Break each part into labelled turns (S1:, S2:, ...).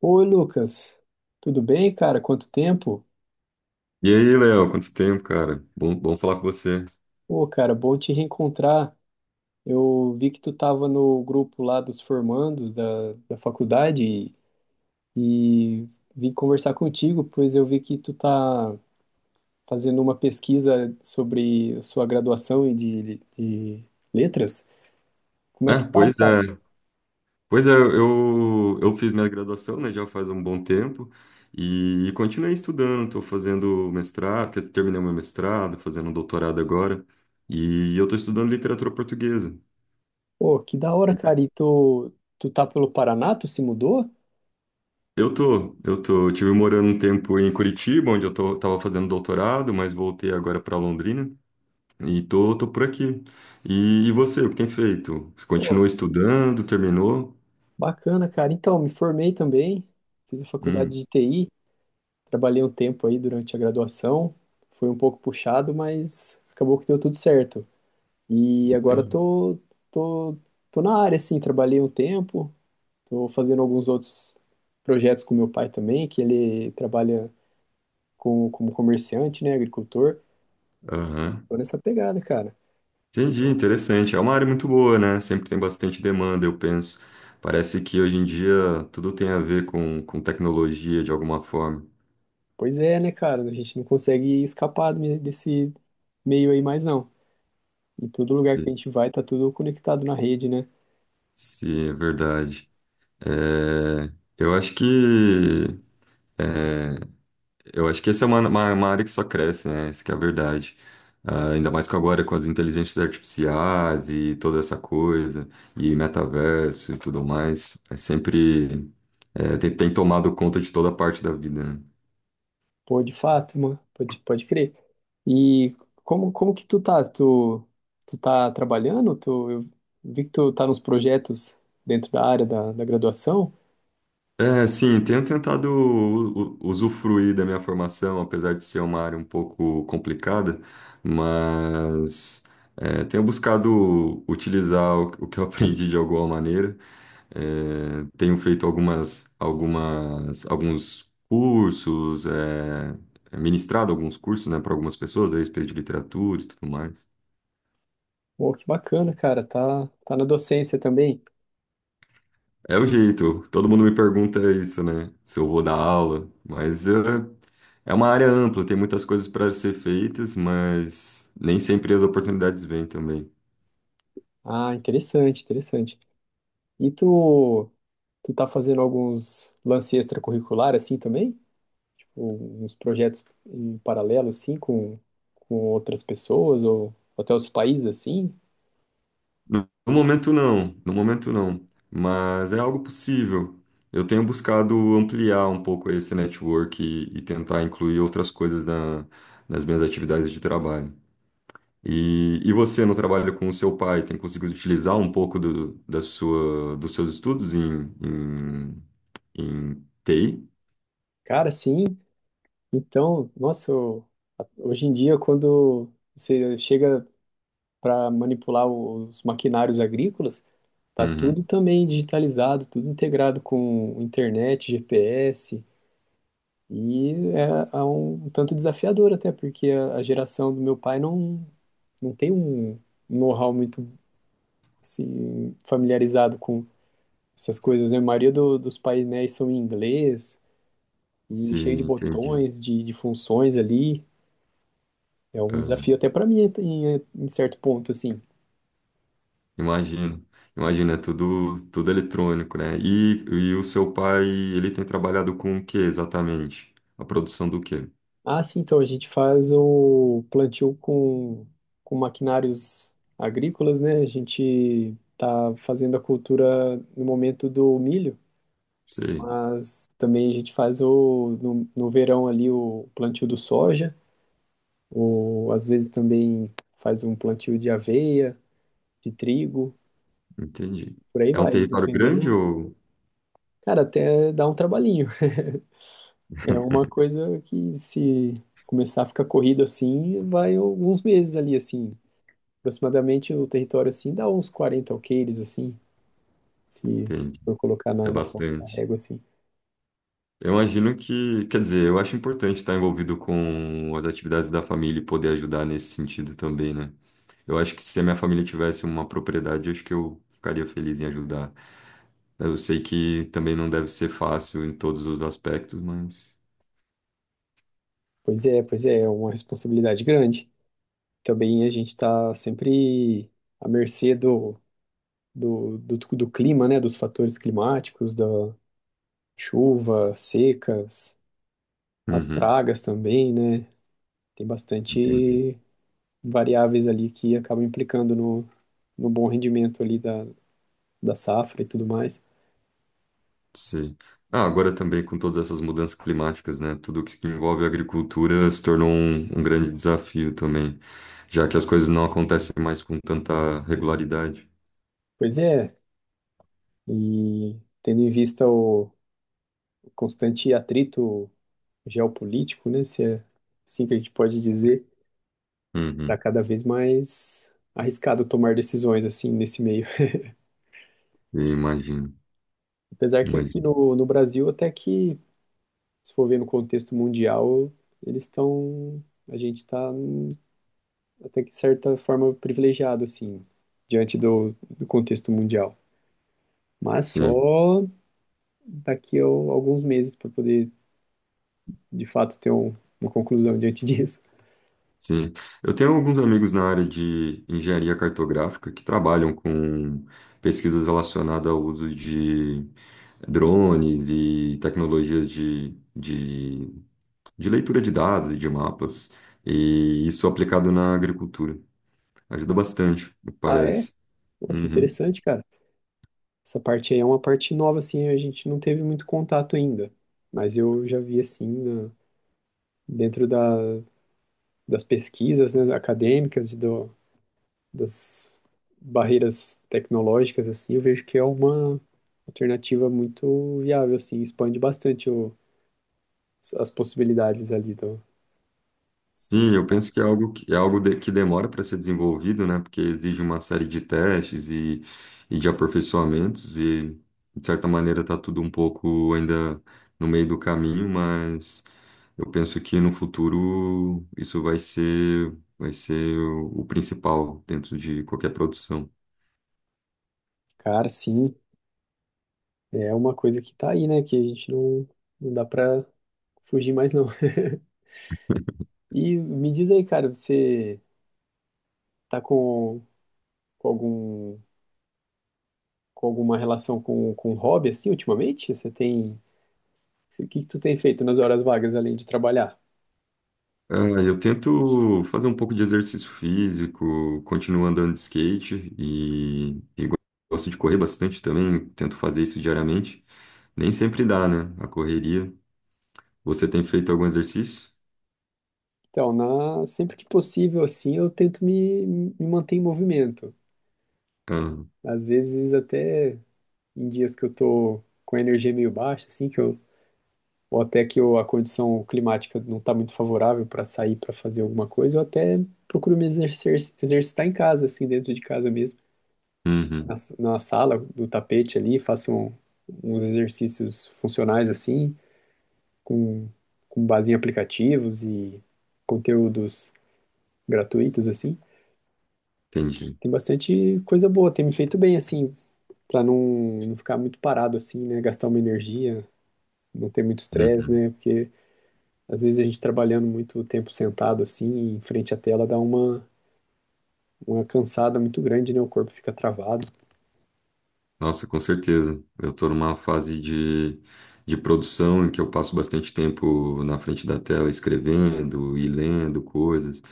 S1: Oi, Lucas. Tudo bem, cara? Quanto tempo?
S2: E aí, Léo, quanto tempo, cara? Bom falar com você.
S1: Pô, cara, bom te reencontrar. Eu vi que tu tava no grupo lá dos formandos da faculdade e vim conversar contigo, pois eu vi que tu tá fazendo uma pesquisa sobre a sua graduação e de letras. Como é
S2: É,
S1: que tá,
S2: pois
S1: cara?
S2: é. Pois é, eu fiz minha graduação, né, já faz um bom tempo, e, continuei estudando, estou fazendo mestrado, porque eu terminei meu mestrado, fazendo um doutorado agora, e eu estou estudando literatura portuguesa.
S1: Pô, que da hora, cara. E tu tá pelo Paraná? Tu se mudou?
S2: Eu tive morando um tempo em Curitiba, onde eu tava fazendo doutorado, mas voltei agora para Londrina e tô por aqui. E você, o que tem feito? Você
S1: Pô,
S2: continua estudando, terminou?
S1: bacana, cara. Então, me formei também. Fiz a faculdade
S2: Hum.
S1: de TI. Trabalhei um tempo aí durante a graduação, foi um pouco puxado, mas acabou que deu tudo certo. E agora eu tô, tô, tô na área, assim, trabalhei um tempo, tô fazendo alguns outros projetos com meu pai também, que ele trabalha com, como comerciante, né, agricultor.
S2: Aham.
S1: Tô nessa pegada, cara.
S2: Entendi, interessante. É uma área muito boa, né? Sempre tem bastante demanda, eu penso. Parece que hoje em dia tudo tem a ver com tecnologia de alguma forma.
S1: Pois é, né, cara, a gente não consegue escapar desse meio aí mais não. Em todo lugar
S2: Se,
S1: que a gente vai, tá tudo conectado na rede, né?
S2: se é verdade. É, eu acho que é, eu acho que essa é uma área que só cresce, né? Isso que é a verdade. Ah, ainda mais que agora com as inteligências artificiais e toda essa coisa, e metaverso e tudo mais. É sempre é, tem, tem tomado conta de toda parte da vida, né?
S1: Pô, de fato, mano. Pode crer. E como que tu tá? Tu, tu tá trabalhando? Tu, eu vi que tu tá nos projetos dentro da área da graduação.
S2: É, sim, tenho tentado usufruir da minha formação, apesar de ser uma área um pouco complicada, mas é, tenho buscado utilizar o que eu aprendi de alguma maneira. É, tenho feito alguns cursos, é, é, ministrado alguns cursos, né, para algumas pessoas a respeito de literatura e tudo mais.
S1: Pô, que bacana, cara. Tá na docência também.
S2: É o jeito. Todo mundo me pergunta isso, né? Se eu vou dar aula. Mas é, é uma área ampla, tem muitas coisas para ser feitas, mas nem sempre as oportunidades vêm também.
S1: Ah, interessante. E tu tá fazendo alguns lance extracurricular assim também? Ou uns projetos em paralelo assim com outras pessoas ou até outros países assim?
S2: No momento, não. No momento, não. Mas é algo possível. Eu tenho buscado ampliar um pouco esse network e tentar incluir outras coisas nas minhas atividades de trabalho. E você, no trabalho com o seu pai, tem conseguido utilizar um pouco do, da sua, dos seus estudos em, entei?
S1: Cara, sim. Então, nossa, hoje em dia, quando você chega para manipular os maquinários agrícolas, tá tudo
S2: Uhum.
S1: também digitalizado, tudo integrado com internet, GPS, e é um tanto desafiador até, porque a geração do meu pai não tem um know-how muito assim, familiarizado com essas coisas, né? A maioria dos painéis são em inglês e cheio de
S2: Sim, entendi.
S1: botões, de funções ali. É um
S2: Ah,
S1: desafio até para mim em certo ponto, assim.
S2: imagino. Imagina, é tudo, tudo eletrônico, né? E o seu pai, ele tem trabalhado com o que exatamente? A produção do quê?
S1: Ah, sim, então a gente faz o plantio com maquinários agrícolas, né? A gente tá fazendo a cultura no momento do milho,
S2: Sei,
S1: mas também a gente faz o, no, no verão ali o plantio do soja, ou às vezes também faz um plantio de aveia, de trigo,
S2: entendi.
S1: por aí
S2: É um
S1: vai,
S2: território grande
S1: dependendo.
S2: ou...
S1: Cara, até dá um trabalhinho. É uma coisa que se começar a ficar corrido assim, vai alguns meses ali assim. Aproximadamente o território assim dá uns 40 alqueires, assim, se
S2: Entendi.
S1: for colocar na,
S2: É
S1: na ponta da
S2: bastante.
S1: régua, assim.
S2: Eu imagino que, quer dizer, eu acho importante estar envolvido com as atividades da família e poder ajudar nesse sentido também, né? Eu acho que se a minha família tivesse uma propriedade, eu acho que eu ficaria feliz em ajudar. Eu sei que também não deve ser fácil em todos os aspectos, mas.
S1: Pois é, é uma responsabilidade grande. Também a gente está sempre à mercê do clima, né? Dos fatores climáticos, da chuva, secas, as
S2: Uhum,
S1: pragas também, né? Tem
S2: entendi.
S1: bastante variáveis ali que acabam implicando no bom rendimento ali da safra e tudo mais.
S2: Sim. Ah, agora também com todas essas mudanças climáticas, né? Tudo que envolve agricultura se tornou um, um grande desafio também, já que as coisas não acontecem mais com tanta regularidade.
S1: Pois é, e tendo em vista o constante atrito geopolítico, né? Se é assim que a gente pode dizer, está
S2: Uhum,
S1: cada vez mais arriscado tomar decisões assim nesse meio.
S2: eu imagino,
S1: Apesar que aqui
S2: imagino.
S1: no Brasil, até que, se for ver no contexto mundial, eles estão. A gente está, até que de certa forma, privilegiado, assim, diante do contexto mundial. Mas
S2: Sim,
S1: só daqui a alguns meses para poder, de fato, uma conclusão diante disso.
S2: sim. Eu tenho alguns amigos na área de engenharia cartográfica que trabalham com pesquisas relacionadas ao uso de drone, de tecnologias de leitura de dados, de mapas, e isso aplicado na agricultura. Ajuda bastante, me
S1: Ah, é?
S2: parece.
S1: Pô, que
S2: Uhum.
S1: interessante, cara. Essa parte aí é uma parte nova, assim, a gente não teve muito contato ainda. Mas eu já vi, assim, dentro das pesquisas, né, acadêmicas e das barreiras tecnológicas, assim, eu vejo que é uma alternativa muito viável, assim, expande bastante as possibilidades ali do...
S2: Sim, eu penso que é algo que, é algo que demora para ser desenvolvido, né? Porque exige uma série de testes e de aperfeiçoamentos, e de certa maneira está tudo um pouco ainda no meio do caminho, mas eu penso que no futuro isso vai ser o principal dentro de qualquer produção.
S1: Cara, sim, é uma coisa que tá aí, né, que a gente não dá pra fugir mais, não. E me diz aí, cara, você tá com algum com alguma relação com um hobby, assim, ultimamente? Você tem... O que que tu tem feito nas horas vagas, além de trabalhar?
S2: Ah, eu tento fazer um pouco de exercício físico, continuo andando de skate e gosto de correr bastante também, tento fazer isso diariamente. Nem sempre dá, né? A correria. Você tem feito algum exercício?
S1: Então, na, sempre que possível, assim, me manter em movimento.
S2: Ah,
S1: Às vezes, até em dias que eu tô com a energia meio baixa, assim, que eu, ou até que eu, a condição climática não tá muito favorável para sair para fazer alguma coisa, eu até procuro me exercer, exercitar em casa, assim, dentro de casa mesmo. Na,
S2: uhum,
S1: na sala, do tapete ali, uns exercícios funcionais, assim, com, com base em aplicativos e conteúdos gratuitos, assim.
S2: entendi.
S1: Tem bastante coisa boa, tem me feito bem, assim, pra não ficar muito parado, assim, né? Gastar uma energia, não ter muito estresse,
S2: Uhum.
S1: né? Porque às vezes a gente trabalhando muito tempo sentado, assim, em frente à tela, dá uma cansada muito grande, né? O corpo fica travado.
S2: Nossa, com certeza. Eu estou numa fase de produção em que eu passo bastante tempo na frente da tela escrevendo e lendo coisas.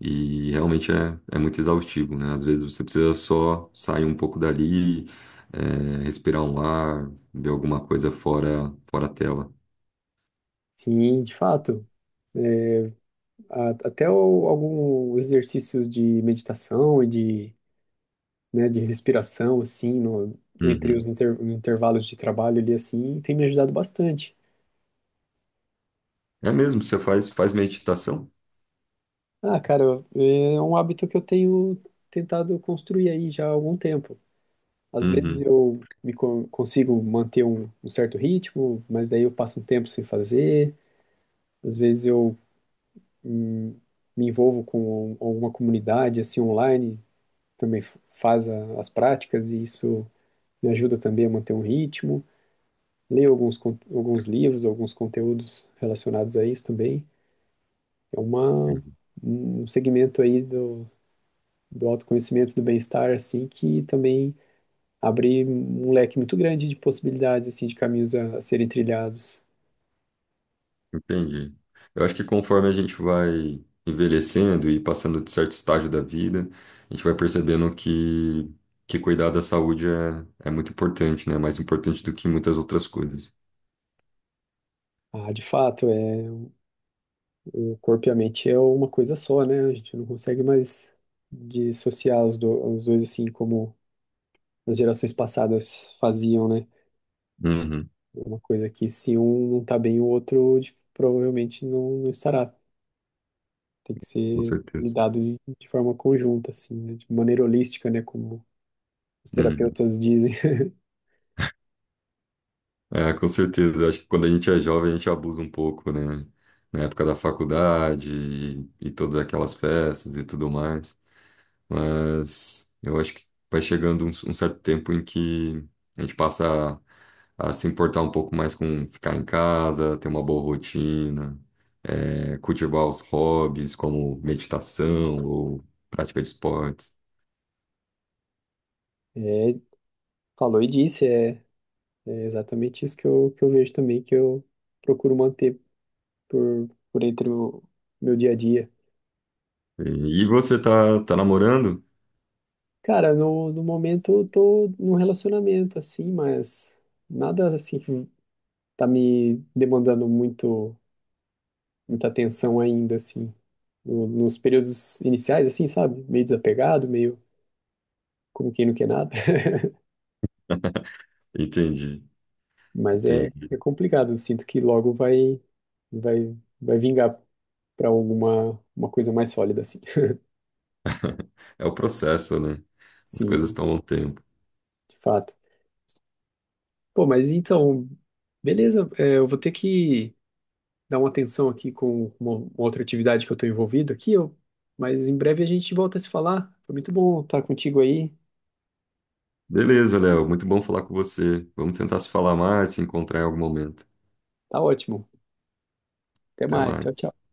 S2: E realmente é, é muito exaustivo, né? Às vezes você precisa só sair um pouco dali, é, respirar um ar, ver alguma coisa fora, fora a tela.
S1: Sim, de fato. né, Até alguns exercícios de meditação e de né, de respiração, assim, no, entre os
S2: Uhum.
S1: intervalos de trabalho ali, assim, tem me ajudado bastante.
S2: É mesmo, você faz, faz meditação?
S1: Ah, cara, é um hábito que eu tenho tentado construir aí já há algum tempo. Às vezes
S2: Uhum.
S1: eu consigo manter um certo ritmo, mas daí eu passo um tempo sem fazer. Às vezes eu hum, me envolvo com alguma comunidade, assim, online, também faz as práticas e isso me ajuda também a manter um ritmo. Leio alguns, alguns livros, alguns conteúdos relacionados a isso também. É uma,
S2: Uhum.
S1: um segmento aí do autoconhecimento, do bem-estar, assim, que também abre um leque muito grande de possibilidades, assim, de caminhos a serem trilhados.
S2: Entendi. Eu acho que conforme a gente vai envelhecendo e passando de certo estágio da vida, a gente vai percebendo que cuidar da saúde é, é muito importante, né? É mais importante do que muitas outras coisas.
S1: Ah, de fato, é, o corpo e a mente é uma coisa só, né? A gente não consegue mais dissociar os dois, assim, como as gerações passadas faziam, né?
S2: Uhum,
S1: É uma coisa que se um não tá bem, o outro provavelmente não estará. Tem que
S2: com
S1: ser
S2: certeza.
S1: lidado de forma conjunta, assim, né? De maneira holística, né? Como os
S2: Uhum.
S1: terapeutas dizem.
S2: É, com certeza. Eu acho que quando a gente é jovem, a gente abusa um pouco, né? Na época da faculdade e todas aquelas festas e tudo mais. Mas eu acho que vai chegando um certo tempo em que a gente passa a se importar um pouco mais com ficar em casa, ter uma boa rotina, é, cultivar os hobbies como meditação ou prática de esportes.
S1: É, falou e disse, é, é exatamente isso que eu vejo também, que eu procuro manter por entre o meu dia a dia.
S2: E você tá, tá namorando?
S1: Cara, no momento eu tô num relacionamento, assim, mas nada, assim, que tá me demandando muita atenção ainda, assim. Nos períodos iniciais, assim, sabe? Meio desapegado, meio como quem não quer nada.
S2: Entendi,
S1: Mas é,
S2: entendi.
S1: é complicado. Eu sinto que vai vingar para alguma uma coisa mais sólida, assim.
S2: É o processo, né? As coisas
S1: Sim,
S2: tomam tempo.
S1: de fato. Pô, mas então, beleza. É, eu vou ter que dar uma atenção aqui com uma outra atividade que eu estou envolvido aqui. Eu, mas em breve a gente volta a se falar. Foi muito bom estar contigo aí.
S2: Beleza, Léo, muito bom falar com você. Vamos tentar se falar mais, se encontrar em algum momento.
S1: Tá ótimo. Até
S2: Até
S1: mais. Tchau,
S2: mais.
S1: tchau.